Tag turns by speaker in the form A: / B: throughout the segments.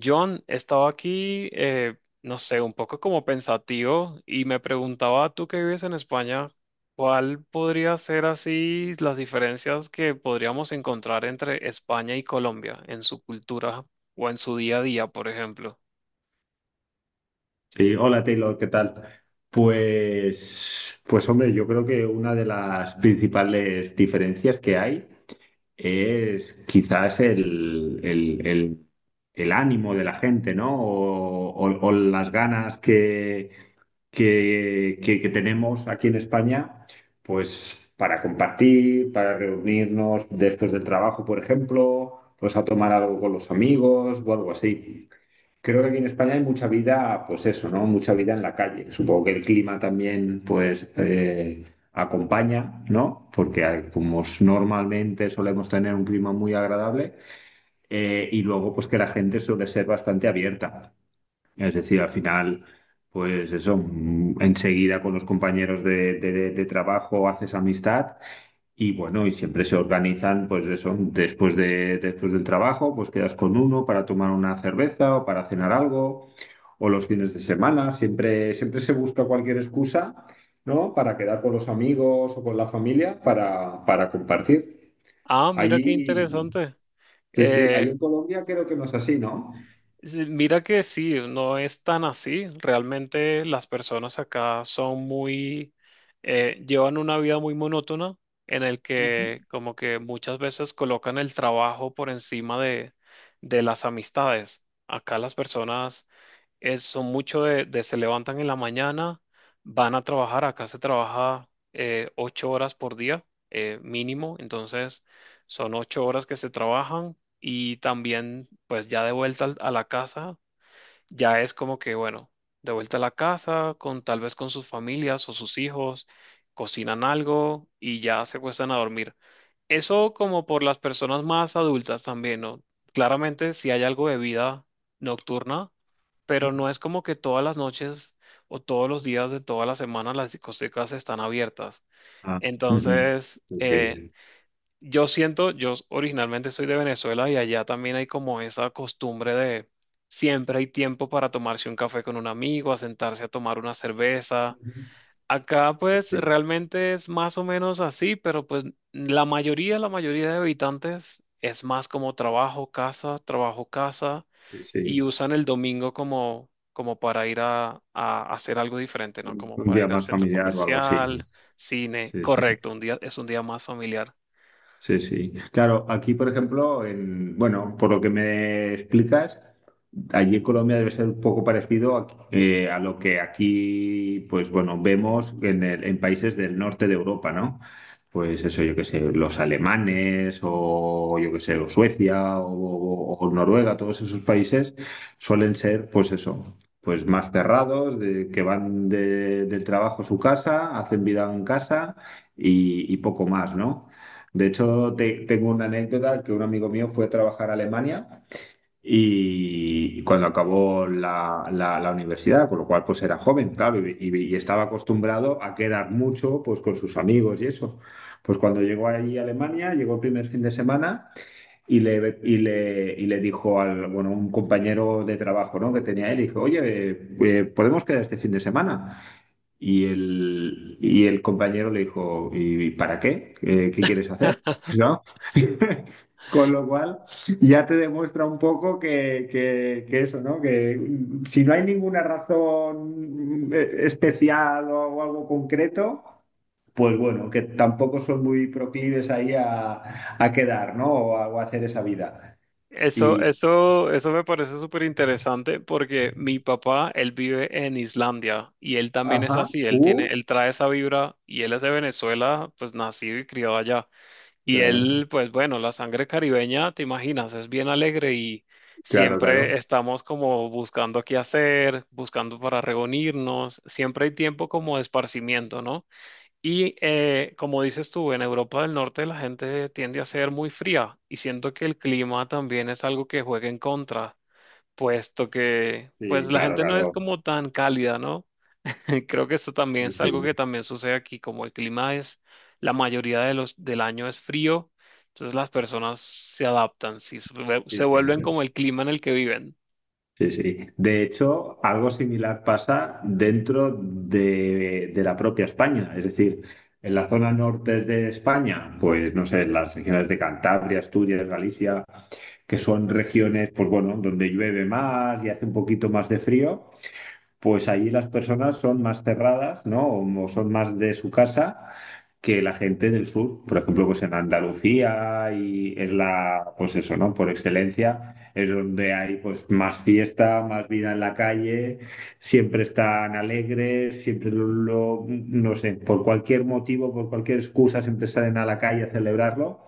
A: John, estaba aquí, no sé, un poco como pensativo y me preguntaba, tú que vives en España, ¿cuál podría ser así las diferencias que podríamos encontrar entre España y Colombia en su cultura o en su día a día, por ejemplo?
B: Sí, hola Taylor, ¿qué tal? Pues hombre, yo creo que una de las principales diferencias que hay es quizás el ánimo de la gente, ¿no? O las ganas que tenemos aquí en España, pues para compartir, para reunirnos después del trabajo, por ejemplo, pues a tomar algo con los amigos o algo así. Creo que aquí en España hay mucha vida, pues eso, ¿no? Mucha vida en la calle. Supongo que el clima también, pues, acompaña, ¿no? Porque normalmente solemos tener un clima muy agradable, y luego, pues, que la gente suele ser bastante abierta. Es decir, al final, pues eso, enseguida con los compañeros de trabajo haces amistad y bueno, y siempre se organizan, pues eso, después del trabajo, pues quedas con uno para tomar una cerveza o para cenar algo, o los fines de semana, siempre, siempre se busca cualquier excusa, ¿no? Para quedar con los amigos o con la familia para compartir.
A: Ah, mira qué
B: Allí,
A: interesante.
B: sí, sí, ahí
A: Eh,
B: en Colombia creo que no es así, ¿no?
A: Sí, mira que sí, no es tan así. Realmente las personas acá son muy, llevan una vida muy monótona en el
B: Ujú.
A: que como que muchas veces colocan el trabajo por encima de las amistades. Acá las personas son muchos de, se levantan en la mañana, van a trabajar, acá se trabaja 8 horas por día, mínimo, entonces son 8 horas que se trabajan y también pues ya de vuelta a la casa, ya es como que, bueno, de vuelta a la casa, con tal vez con sus familias o sus hijos, cocinan algo y ya se acuestan a dormir. Eso como por las personas más adultas también, ¿no? Claramente si hay algo de vida nocturna, pero no es como que todas las noches o todos los días de toda la semana las discotecas están abiertas.
B: Ah, ujú.
A: Entonces,
B: Sí,
A: yo siento, yo originalmente soy de Venezuela y allá también hay como esa costumbre de siempre hay tiempo para tomarse un café con un amigo, a sentarse a tomar una cerveza. Acá
B: sí,
A: pues
B: sí,
A: realmente es más o menos así, pero pues la mayoría de habitantes es más como trabajo, casa, trabajo, casa,
B: sí.
A: y
B: sí.
A: usan el domingo como, para ir a hacer algo diferente, ¿no? Como
B: Un
A: para
B: día
A: ir al
B: más
A: centro
B: familiar o algo así.
A: comercial, cine,
B: Sí, sí.
A: correcto, un día es un día más familiar.
B: Sí, sí. Claro, aquí, por ejemplo, en, bueno, por lo que me explicas, allí en Colombia debe ser un poco parecido a lo que aquí, pues bueno, vemos en, en países del norte de Europa, ¿no? Pues eso, yo qué sé, los alemanes o yo qué sé, o Suecia o Noruega, todos esos países suelen ser, pues eso, pues más cerrados, de, que van del trabajo a su casa, hacen vida en casa y poco más, ¿no? De hecho, tengo una anécdota que un amigo mío fue a trabajar a Alemania y cuando acabó la universidad, con lo cual pues era joven, claro, y estaba acostumbrado a quedar mucho pues con sus amigos y eso. Pues cuando llegó allí a Alemania, llegó el primer fin de semana y le dijo al, bueno, un compañero de trabajo, ¿no? que tenía él, dijo, oye, ¿podemos quedar este fin de semana? Y el compañero le dijo, ¿y para qué? ¿Qué quieres hacer? ¿No? Con lo cual ya te demuestra un poco que eso, ¿no? Que si no hay ninguna razón especial o algo concreto, pues bueno, que tampoco son muy proclives ahí a quedar, ¿no? O a hacer esa vida.
A: Eso,
B: Y,
A: eso, eso me parece súper interesante porque mi papá, él vive en Islandia y él también es
B: ajá,
A: así, él tiene, él trae esa vibra y él es de Venezuela, pues nacido y criado allá. Y
B: claro,
A: él, pues bueno, la sangre caribeña, te imaginas, es bien alegre y
B: claro,
A: siempre
B: claro.
A: estamos como buscando qué hacer, buscando para reunirnos, siempre hay tiempo como de esparcimiento, ¿no? Y como dices tú, en Europa del Norte la gente tiende a ser muy fría y siento que el clima también es algo que juega en contra, puesto que pues
B: Sí,
A: la
B: claro,
A: gente no es
B: claro.
A: como tan cálida, ¿no? Creo que eso también es algo
B: Sí,
A: que también sucede aquí, como el clima es, la mayoría de del año es frío, entonces las personas se adaptan, sí,
B: sí,
A: se
B: sí.
A: vuelven como el clima en el que viven.
B: Sí, sí. De hecho, algo similar pasa dentro de la propia España. Es decir, en la zona norte de España, pues no sé, en las regiones de Cantabria, Asturias, Galicia, que son regiones, pues bueno, donde llueve más y hace un poquito más de frío pues allí las personas son más cerradas, ¿no? O son más de su casa que la gente del sur. Por ejemplo, pues en Andalucía y es la, pues eso, ¿no? Por excelencia es donde hay pues más fiesta, más vida en la calle, siempre están alegres, siempre no sé, por cualquier motivo, por cualquier excusa, siempre salen a la calle a celebrarlo.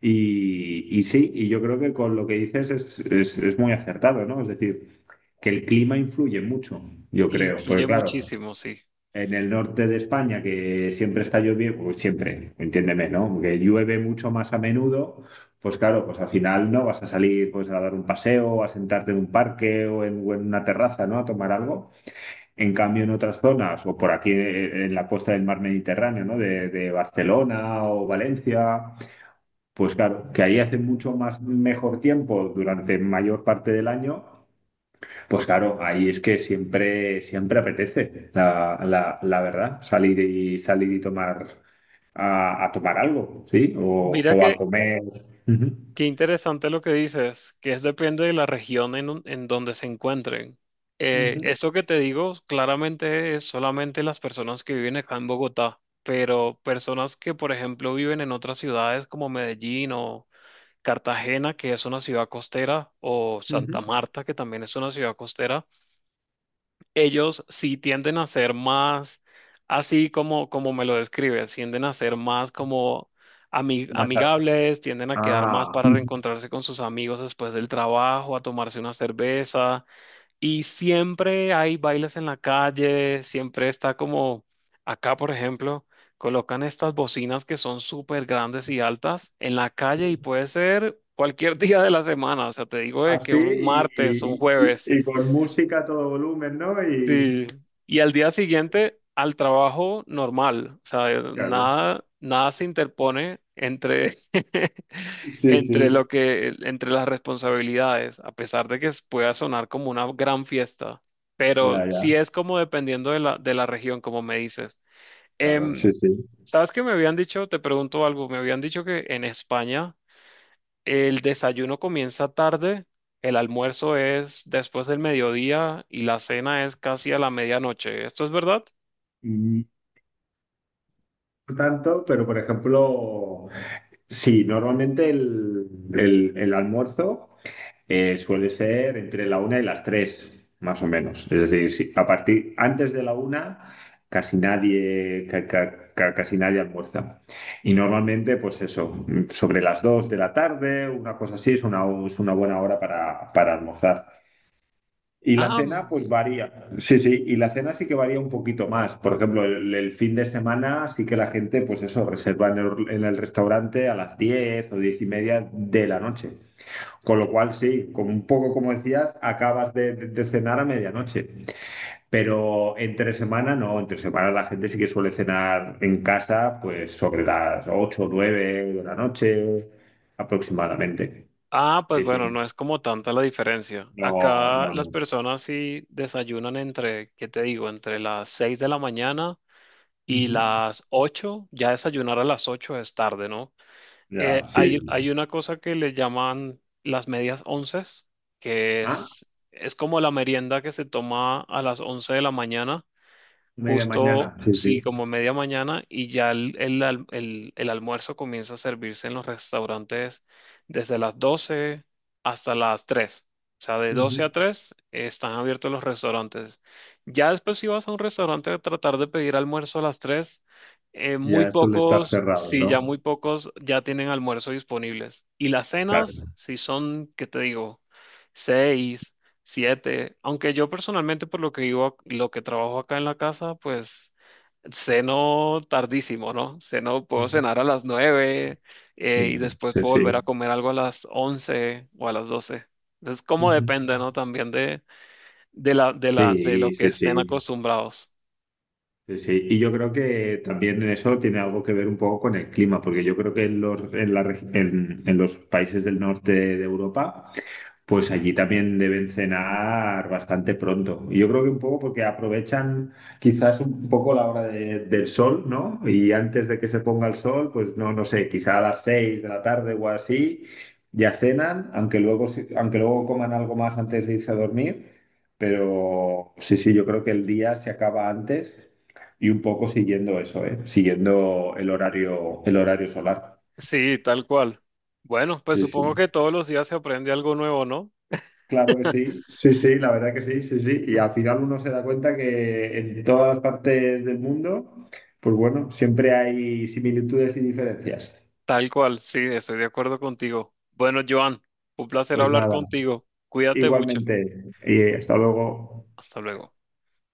B: Y sí, y yo creo que con lo que dices es muy acertado, ¿no? Es decir, que el clima influye mucho, yo creo, porque
A: Influye
B: claro,
A: muchísimo, sí.
B: en el norte de España que siempre está lloviendo, pues siempre, entiéndeme, ¿no? Que llueve mucho más a menudo, pues claro, pues al final no vas a salir pues a dar un paseo, a sentarte en un parque o en una terraza, ¿no? A tomar algo. En cambio, en otras zonas, o por aquí en la costa del mar Mediterráneo, ¿no? De Barcelona o Valencia pues claro, que ahí hace mucho más mejor tiempo durante mayor parte del año, pues claro, ahí es que siempre, siempre apetece, la verdad, salir y salir y tomar a tomar algo, ¿sí?
A: Mira
B: O a
A: que
B: comer. Ujú,
A: Qué interesante lo que dices, que es depende de la región en donde se encuentren.
B: ujú,
A: Eso que te digo claramente es solamente las personas que viven acá en Bogotá, pero personas que, por ejemplo, viven en otras ciudades como Medellín o Cartagena, que es una ciudad costera, o
B: ujú.
A: Santa Marta, que también es una ciudad costera. Ellos sí tienden a ser más, así como, me lo describes, tienden a ser más como
B: Más a-
A: amigables, tienden a quedar más
B: Ah,
A: para reencontrarse con sus amigos después del trabajo, a tomarse una cerveza. Y siempre hay bailes en la calle, siempre está como acá, por ejemplo. Colocan estas bocinas que son súper grandes y altas en la calle y puede ser cualquier día de la semana. O sea, te digo de que
B: así
A: un martes, un jueves.
B: y con música a todo volumen, ¿no? Y
A: Sí, y al día siguiente al trabajo normal, o sea,
B: claro.
A: nada, nada se interpone entre,
B: Sí,
A: entre
B: sí.
A: lo que, entre las responsabilidades, a pesar de que pueda sonar como una gran fiesta, pero
B: Ya,
A: sí
B: ya.
A: es como dependiendo de la región, como me dices.
B: Claro,
A: Em,
B: sí, sí.
A: ¿Sabes qué me habían dicho? Te pregunto algo, me habían dicho que en España el desayuno comienza tarde, el almuerzo es después del mediodía y la cena es casi a la medianoche. ¿Esto es verdad?
B: No tanto, pero por ejemplo, sí, normalmente el almuerzo suele ser entre la una y las tres, más o menos. Es decir, sí, a partir antes de la una casi nadie, casi nadie almuerza. Y normalmente, pues eso, sobre las dos de la tarde, una cosa así, es una buena hora para almorzar. Y la
A: Ah,
B: cena, pues
A: mm,
B: varía. Sí, sí, y la cena sí que varía un poquito más. Por ejemplo, el fin de semana sí que la gente, pues eso, reserva en el restaurante a las 10 o 10 y media de la noche. Con lo cual, sí, como un poco como decías, acabas de cenar a medianoche. Pero entre semana no, entre semana la gente sí que suele cenar en casa, pues sobre las 8 o 9 de la noche aproximadamente.
A: pues
B: Sí,
A: bueno,
B: sí.
A: no es como tanta la diferencia.
B: No,
A: Acá
B: no,
A: las
B: no.
A: personas sí desayunan entre, ¿qué te digo? Entre las 6 de la mañana y
B: Ujú.
A: las 8. Ya desayunar a las 8 es tarde, ¿no?
B: Ya, sí.
A: Hay una cosa que le llaman las medias onces, que
B: Ah,
A: es como la merienda que se toma a las 11 de la mañana
B: media
A: justo,
B: mañana. Sí,
A: sí,
B: sí.
A: como media mañana, y ya el almuerzo comienza a servirse en los restaurantes desde las 12 hasta las 3. O sea, de 12
B: Ujú,
A: a 3 están abiertos los restaurantes. Ya después, si vas a un restaurante a tratar de pedir almuerzo a las 3, muy
B: Ya eso le está
A: pocos,
B: cerrado,
A: sí, ya muy
B: ¿no?
A: pocos ya tienen almuerzo disponibles. Y las cenas,
B: Claro.
A: si son, ¿qué te digo? Seis, siete. Aunque yo personalmente, por lo que vivo, lo que trabajo acá en la casa, pues ceno tardísimo, ¿no? Ceno, puedo
B: ujú,
A: cenar a las 9, y
B: Mm,
A: después
B: Sí,
A: puedo
B: sí.
A: volver a comer algo a las 11 o a las 12. Entonces, como
B: Ujú.
A: depende, ¿no? También de, de lo
B: Sí,
A: que
B: sí,
A: estén
B: sí.
A: acostumbrados.
B: Sí, sí. Y yo creo que también en eso tiene algo que ver un poco con el clima, porque yo creo que en los, en la reg- en los países del norte de Europa pues allí también deben cenar bastante pronto. Y yo creo que un poco porque aprovechan quizás un poco la hora del sol, ¿no? Y antes de que se ponga el sol, pues no sé, quizá a las seis de la tarde o así, ya cenan, aunque luego, aunque luego coman algo más antes de irse a dormir. Pero sí, sí, yo creo que el día se acaba antes y un poco siguiendo eso, ¿eh? Siguiendo el horario solar.
A: Sí, tal cual. Bueno, pues
B: Sí,
A: supongo
B: sí.
A: que todos los días se aprende algo nuevo, ¿no?
B: Claro que sí, sí, sí, la verdad que sí, sí, sí. Y al final uno se da cuenta que en todas las partes del mundo, pues bueno, siempre hay similitudes y diferencias.
A: Tal cual, sí, estoy de acuerdo contigo. Bueno, Joan, un placer
B: Pues
A: hablar
B: nada,
A: contigo. Cuídate mucho.
B: igualmente, y hasta luego.
A: Hasta luego.